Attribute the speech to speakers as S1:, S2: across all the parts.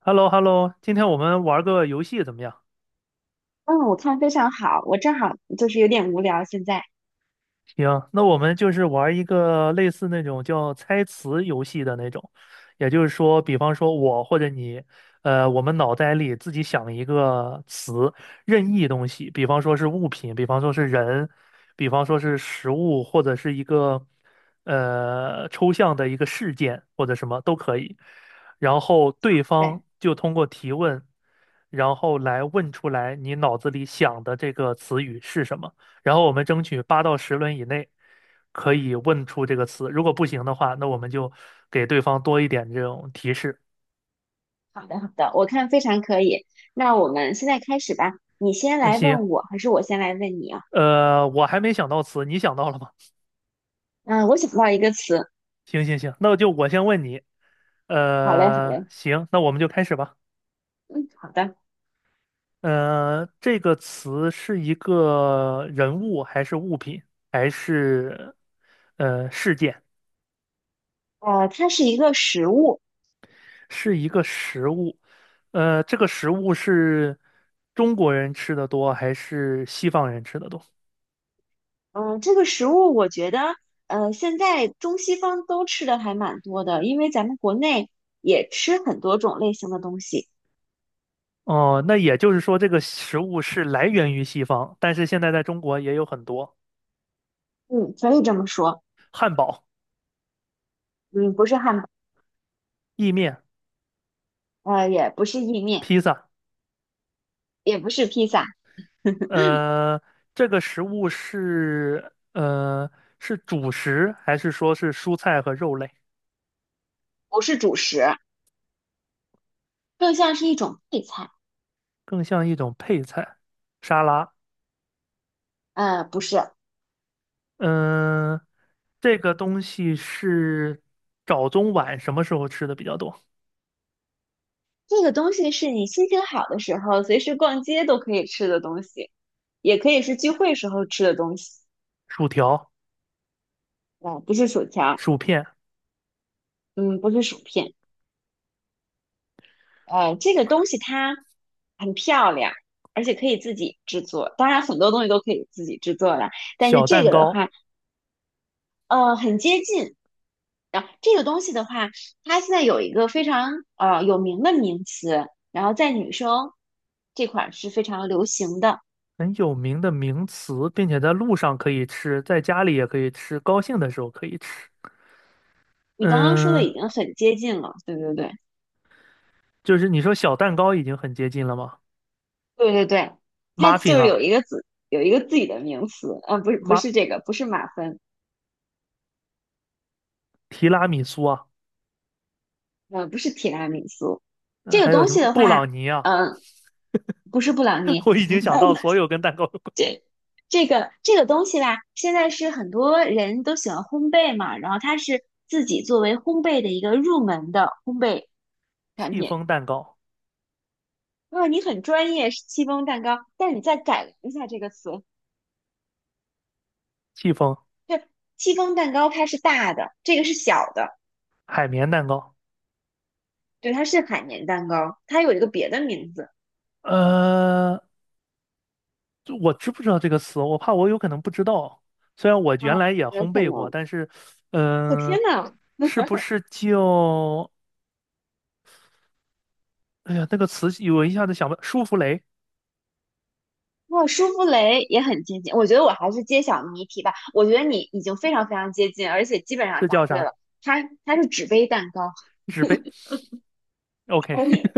S1: h e l l o h e l l o 今天我们玩个游戏怎么样？
S2: 嗯，我看非常好，我正好就是有点无聊现在。
S1: 行，那我们就是玩一个类似那种叫猜词游戏的那种，也就是说，比方说我或者你，我们脑袋里自己想一个词，任意东西，比方说是物品，比方说是人，比方说是食物，或者是一个抽象的一个事件或者什么都可以。然后
S2: 好，
S1: 对
S2: 嘞，
S1: 方就通过提问，然后来问出来你脑子里想的这个词语是什么。然后我们争取8到10轮以内可以问出这个词，如果不行的话，那我们就给对方多一点这种提示。
S2: 好的，好的，我看非常可以。那我们现在开始吧，你先
S1: 那
S2: 来
S1: 行，
S2: 问我，还是我先来问你啊？
S1: 我还没想到词，你想到了吗？
S2: 嗯，我想到一个词，
S1: 行行行，那就我先问你，
S2: 好嘞，好嘞，
S1: 行，那我们就开始吧。
S2: 嗯，好的。
S1: 这个词是一个人物还是物品还是事件？
S2: 它是一个食物，
S1: 是一个食物，这个食物是中国人吃的多还是西方人吃的多？
S2: 嗯，这个食物我觉得，现在中西方都吃的还蛮多的，因为咱们国内也吃很多种类型的东西，
S1: 哦，那也就是说，这个食物是来源于西方，但是现在在中国也有很多
S2: 嗯，可以这么说，
S1: 汉堡、
S2: 嗯，不是汉堡，
S1: 意面、
S2: 也不是意面，
S1: 披萨。
S2: 也不是披萨，
S1: 呃，这个食物是主食，还是说是蔬菜和肉类？
S2: 不是主食。更像是一种配菜。
S1: 更像一种配菜、沙拉。
S2: 呃，不是，
S1: 嗯、这个东西是早中晚什么时候吃的比较多？
S2: 这个东西是你心情好的时候，随时逛街都可以吃的东西，也可以是聚会时候吃的东西。
S1: 薯条、
S2: 啊，不是薯条，
S1: 薯片、
S2: 嗯，不是薯片。这个东西它很漂亮，而且可以自己制作。当然，很多东西都可以自己制作了，但是
S1: 小
S2: 这
S1: 蛋
S2: 个的
S1: 糕，
S2: 话，呃，很接近。啊，这个东西的话，它现在有一个非常有名的名词，然后在女生这块儿是非常流行的。
S1: 很有名的名词，并且在路上可以吃，在家里也可以吃，高兴的时候可以吃。
S2: 你刚刚说的已
S1: 嗯，
S2: 经很接近了，对对对，
S1: 就是你说小蛋糕已经很接近了吗
S2: 对对对，它就
S1: ？muffin
S2: 是有
S1: 啊，
S2: 一个有一个自己的名词，不是
S1: 马
S2: 这个，不是马芬，
S1: 提拉米苏啊，
S2: 呃，不是提拉米苏，这个
S1: 还有
S2: 东
S1: 什
S2: 西
S1: 么
S2: 的
S1: 布
S2: 话，
S1: 朗尼啊？
S2: 嗯、不是布朗 尼，
S1: 我已经想到所有跟蛋糕有关，
S2: 这这个东西吧，现在是很多人都喜欢烘焙嘛，然后它是自己作为烘焙的一个入门的烘焙产
S1: 戚
S2: 品。
S1: 风蛋糕、
S2: 如果你很专业，是戚风蛋糕，但是你再改良一下这个词，
S1: 戚风
S2: 对，戚风蛋糕它是大的，这个是小的，
S1: 海绵蛋糕，
S2: 对，它是海绵蛋糕，它有一个别的名字。
S1: 呃，就我知不知道这个词？我怕我有可能不知道。虽然我原
S2: 啊，
S1: 来也
S2: 有
S1: 烘
S2: 可
S1: 焙过，
S2: 能。
S1: 但是，
S2: 我
S1: 嗯、
S2: 天呐，
S1: 是不 是叫？哎呀，那个词我一下子想不，舒芙蕾
S2: 哇，舒芙蕾也很接近，我觉得我还是揭晓谜题吧。我觉得你已经非常非常接近，而且基本上
S1: 是
S2: 答
S1: 叫
S2: 对
S1: 啥？
S2: 了。它是纸杯蛋糕，
S1: 纸杯？OK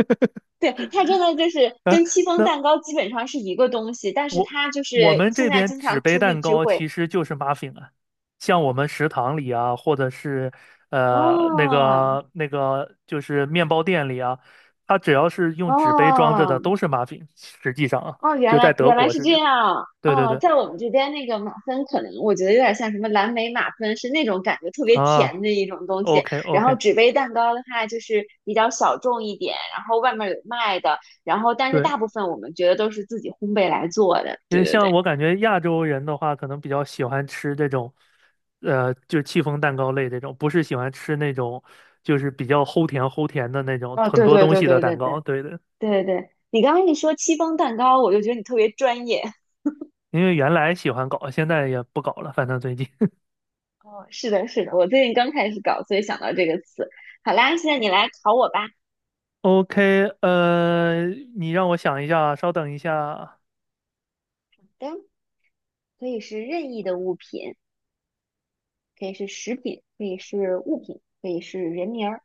S2: 对，它真的就是
S1: 啊，
S2: 跟戚风
S1: 那
S2: 蛋糕基本上是一个东西，但是
S1: 我
S2: 它就
S1: 我
S2: 是
S1: 们
S2: 现
S1: 这
S2: 在
S1: 边
S2: 经
S1: 纸
S2: 常
S1: 杯
S2: 出去
S1: 蛋
S2: 聚
S1: 糕
S2: 会。
S1: 其实就是 muffin 啊，像我们食堂里啊，或者是那
S2: 哦
S1: 个那个就是面包店里啊，它只要是用纸杯装着
S2: 哦，
S1: 的都是 muffin，实际上啊，
S2: 哦，原
S1: 就在
S2: 来
S1: 德
S2: 原来
S1: 国
S2: 是
S1: 是这
S2: 这
S1: 样。
S2: 样。
S1: 对对
S2: 哦，
S1: 对。
S2: 在我们这边那个马芬，可能我觉得有点像什么蓝莓马芬，是那种感觉特别甜
S1: 啊
S2: 的一种东西。
S1: ，OK
S2: 然后
S1: OK，
S2: 纸杯蛋糕的话，就是比较小众一点，然后外面有卖的，然后但是
S1: 对，
S2: 大部分我们觉得都是自己烘焙来做的。
S1: 因
S2: 对
S1: 为
S2: 对
S1: 像
S2: 对，
S1: 我感觉亚洲人的话，可能比较喜欢吃这种，就戚风蛋糕类这种，不是喜欢吃那种就是比较齁甜齁甜的那种
S2: 哦，
S1: 很
S2: 对
S1: 多
S2: 对
S1: 东
S2: 对
S1: 西的
S2: 对
S1: 蛋
S2: 对
S1: 糕。
S2: 对
S1: 对的，
S2: 对对，你刚刚一说戚风蛋糕，我就觉得你特别专业。
S1: 因为原来喜欢搞，现在也不搞了，反正最近。
S2: 哦，是的，是的，我最近刚开始搞，所以想到这个词。好啦，现在你来考我吧。
S1: OK，你让我想一下，稍等一下。
S2: 好的，可以是任意的物品。可以是食品，可以是物品，可以是人名儿，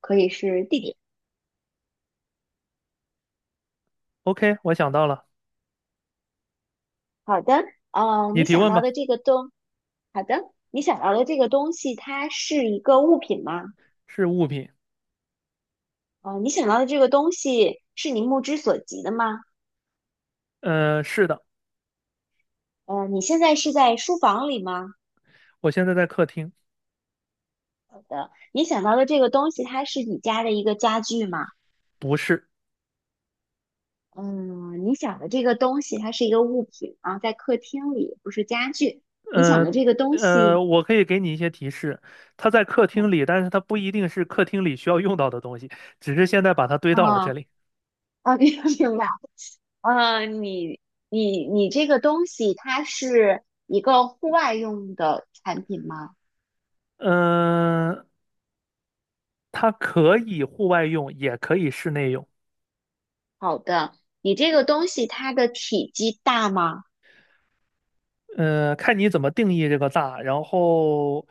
S2: 可以是地点。
S1: OK，我想到了，
S2: 好的，
S1: 你
S2: 你
S1: 提
S2: 想
S1: 问
S2: 到的
S1: 吧。
S2: 这个东，好的，你想到的这个东西，它是一个物品吗？
S1: 是物品，
S2: 你想到的这个东西是你目之所及的吗？
S1: 是的，
S2: 你现在是在书房里吗？
S1: 我现在在客厅，
S2: 你想到的这个东西，它是你家的一个家具吗？
S1: 不是。
S2: 嗯，你想的这个东西，它是一个物品啊，在客厅里，不是家具。你想
S1: 呃
S2: 的这个东西，
S1: 我可以给你一些提示，它在客厅里，
S2: 嗯
S1: 但是它不一定是客厅里需要用到的东西，只是现在把它堆到了这
S2: 啊
S1: 里。
S2: 啊，明白 明白。呃，你你这个东西，它是一个户外用的产品吗？
S1: 嗯、呃它可以户外用，也可以室内用。
S2: 好的，你这个东西它的体积大吗？
S1: 看你怎么定义这个大，然后，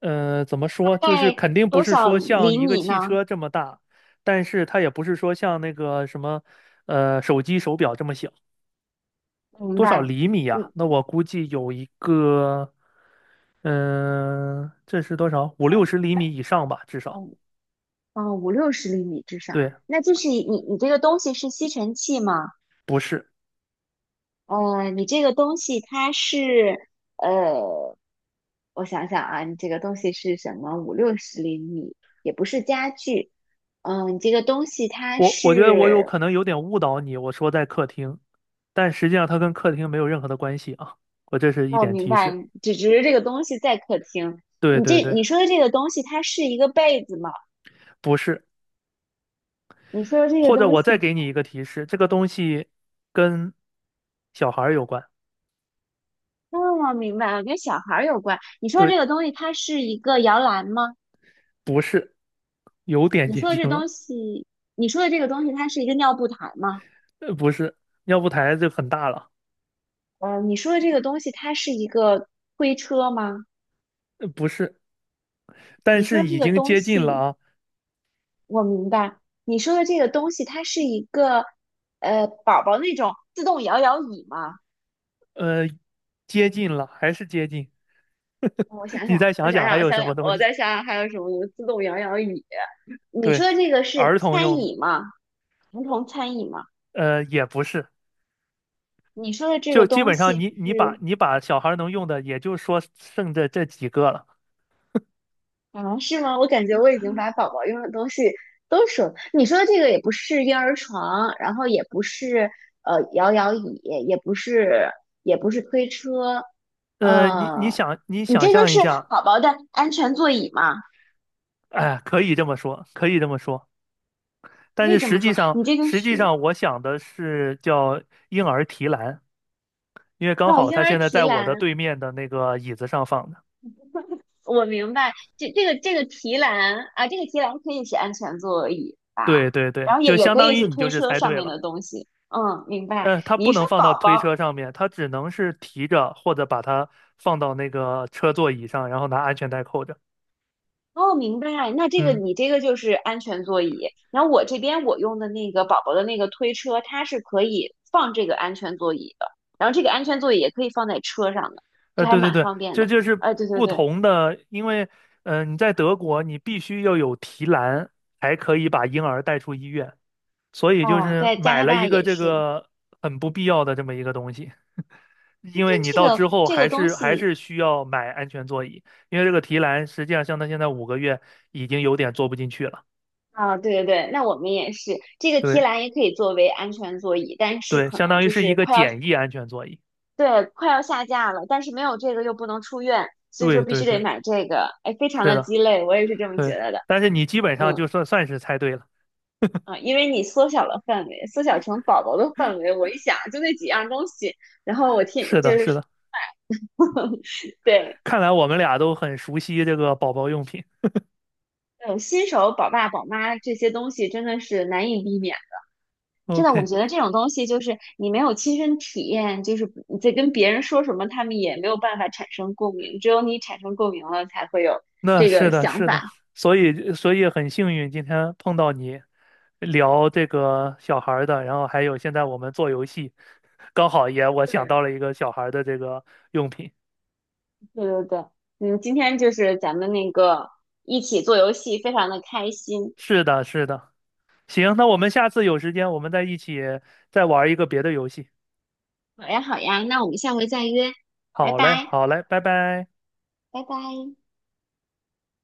S1: 怎么
S2: 大
S1: 说，就是
S2: 概
S1: 肯定不
S2: 多
S1: 是
S2: 少
S1: 说像
S2: 厘
S1: 一个
S2: 米
S1: 汽
S2: 呢？
S1: 车这么大，但是它也不是说像那个什么，手机手表这么小。
S2: 明
S1: 多少
S2: 白，
S1: 厘米呀、
S2: 五
S1: 那我估计有一个，这是多少？五六十
S2: 三
S1: 厘米以上吧，至少。
S2: 哦哦五六十厘米至少。
S1: 对，
S2: 那就是你这个东西是吸尘器吗？
S1: 不是，
S2: 呃，你这个东西它是呃我想想啊，你这个东西是什么？五六十厘米，也不是家具。嗯，你这个东西它
S1: 我觉得我有
S2: 是，
S1: 可能有点误导你，我说在客厅，但实际上它跟客厅没有任何的关系啊。我这是一
S2: 哦，我
S1: 点
S2: 明
S1: 提
S2: 白，
S1: 示。
S2: 只是这个东西在客厅。
S1: 对对对，
S2: 你说的这个东西，它是一个被子吗？
S1: 不是。
S2: 你说的这个
S1: 或者
S2: 东
S1: 我再
S2: 西，
S1: 给你一个提示，这个东西跟小孩儿有关。
S2: 哦，明白了，跟小孩儿有关。你说的
S1: 对，
S2: 这个东西，它是一个摇篮吗？
S1: 不是，有点
S2: 你
S1: 接
S2: 说的
S1: 近
S2: 这
S1: 了，
S2: 东西，你说的这个东西，它是一个尿布台吗？
S1: 不是。尿布台就很大了，
S2: 嗯，你说的这个东西，它是一个推车吗？
S1: 不是。但
S2: 你说
S1: 是
S2: 的这
S1: 已
S2: 个
S1: 经
S2: 东
S1: 接近了
S2: 西。
S1: 啊，
S2: 我明白你说的这个东西，它是一个宝宝那种自动摇摇椅吗？
S1: 呃，接近了，还是接近。你再想想还有什么东
S2: 我
S1: 西？
S2: 再想想还有什么自动摇摇椅。你
S1: 对，
S2: 说的这个是
S1: 儿童
S2: 餐
S1: 用的，
S2: 椅吗？儿童餐椅吗？
S1: 也不是，
S2: 你说的这
S1: 就
S2: 个
S1: 基
S2: 东
S1: 本上
S2: 西
S1: 你你把
S2: 是
S1: 你把小孩能用的，也就说剩这这几个了。
S2: 啊是吗？我感觉我已经把宝宝用的东西都说了你说的这个也不是婴儿床，然后也不是摇摇椅，也不是也不是推车，
S1: 你你
S2: 呃，
S1: 想你
S2: 你
S1: 想
S2: 这个
S1: 象一
S2: 是
S1: 下，
S2: 宝宝的安全座椅吗？
S1: 哎，可以这么说，可以这么说。但
S2: 可
S1: 是
S2: 以这
S1: 实
S2: 么
S1: 际
S2: 说，
S1: 上，
S2: 你这个
S1: 实
S2: 是
S1: 际上我想的是叫婴儿提篮，因为刚
S2: 哦，
S1: 好
S2: 婴
S1: 他
S2: 儿
S1: 现在
S2: 提
S1: 在我
S2: 篮，
S1: 的对面的那个椅子上放的。
S2: 我明白，这个提篮啊，这个提篮可以是安全座椅吧？
S1: 对对对，
S2: 然后
S1: 就
S2: 也
S1: 相
S2: 可
S1: 当
S2: 以
S1: 于
S2: 是
S1: 你就
S2: 推
S1: 是
S2: 车
S1: 猜
S2: 上
S1: 对
S2: 面
S1: 了。
S2: 的东西。嗯，明白。
S1: 它
S2: 你
S1: 不
S2: 一
S1: 能
S2: 说
S1: 放到
S2: 宝
S1: 推
S2: 宝，
S1: 车上面，它只能是提着或者把它放到那个车座椅上，然后拿安全带扣着。
S2: 哦，明白。那这个
S1: 嗯，
S2: 你这个就是安全座椅，然后我这边我用的那个宝宝的那个推车，它是可以放这个安全座椅的，然后这个安全座椅也可以放在车上的，就还
S1: 对对
S2: 蛮
S1: 对，
S2: 方便
S1: 这
S2: 的。
S1: 就是
S2: 哎，对对
S1: 不
S2: 对，
S1: 同的，因为你在德国，你必须要有提篮才可以把婴儿带出医院，所以就
S2: 哦，
S1: 是
S2: 在加
S1: 买
S2: 拿
S1: 了一
S2: 大
S1: 个
S2: 也
S1: 这
S2: 是，
S1: 个很不必要的这么一个东西。
S2: 但
S1: 因为你
S2: 这
S1: 到之
S2: 个
S1: 后
S2: 这
S1: 还
S2: 个东
S1: 是还
S2: 西
S1: 是需要买安全座椅，因为这个提篮实际上像它现在5个月已经有点坐不进去了。
S2: 啊，对对对，那我们也是，这个提
S1: 对
S2: 篮也可以作为安全座椅，但是
S1: 对，
S2: 可
S1: 相
S2: 能
S1: 当于
S2: 就
S1: 是一
S2: 是
S1: 个
S2: 快要
S1: 简易安全座椅。
S2: 对快要下架了，但是没有这个又不能出院，所以说
S1: 对
S2: 必
S1: 对
S2: 须得
S1: 对，
S2: 买这个，哎，非常
S1: 是
S2: 的
S1: 的，
S2: 鸡肋，我也是这么觉
S1: 对。
S2: 得的。
S1: 但是你基本上就
S2: 嗯，
S1: 算算是猜对了。
S2: 因为你缩小了范围，缩小成宝宝的范围，我一想就那几样东西，然后我 听
S1: 是的，
S2: 就
S1: 是
S2: 是
S1: 的。
S2: 对，
S1: 看来我们俩都很熟悉这个宝宝用品。
S2: 嗯，新手宝爸宝妈这些东西真的是难以避免。真的，我
S1: OK，
S2: 觉得这种东西就是你没有亲身体验，就是你在跟别人说什么，他们也没有办法产生共鸣，只有你产生共鸣了，才会有
S1: 那
S2: 这个
S1: 是的，
S2: 想
S1: 是
S2: 法。
S1: 的，所以很幸运今天碰到你聊这个小孩儿的，然后还有现在我们做游戏，刚好也我想到
S2: 对，
S1: 了一个小孩儿的这个用品。
S2: 对对对，嗯，今天就是咱们那个一起做游戏，非常的开心。
S1: 是的，是的，行，那我们下次有时间我们再一起再玩一个别的游戏。
S2: 好呀，好呀，那我们下回再约，拜
S1: 好嘞，
S2: 拜，
S1: 好嘞，拜拜。
S2: 拜拜。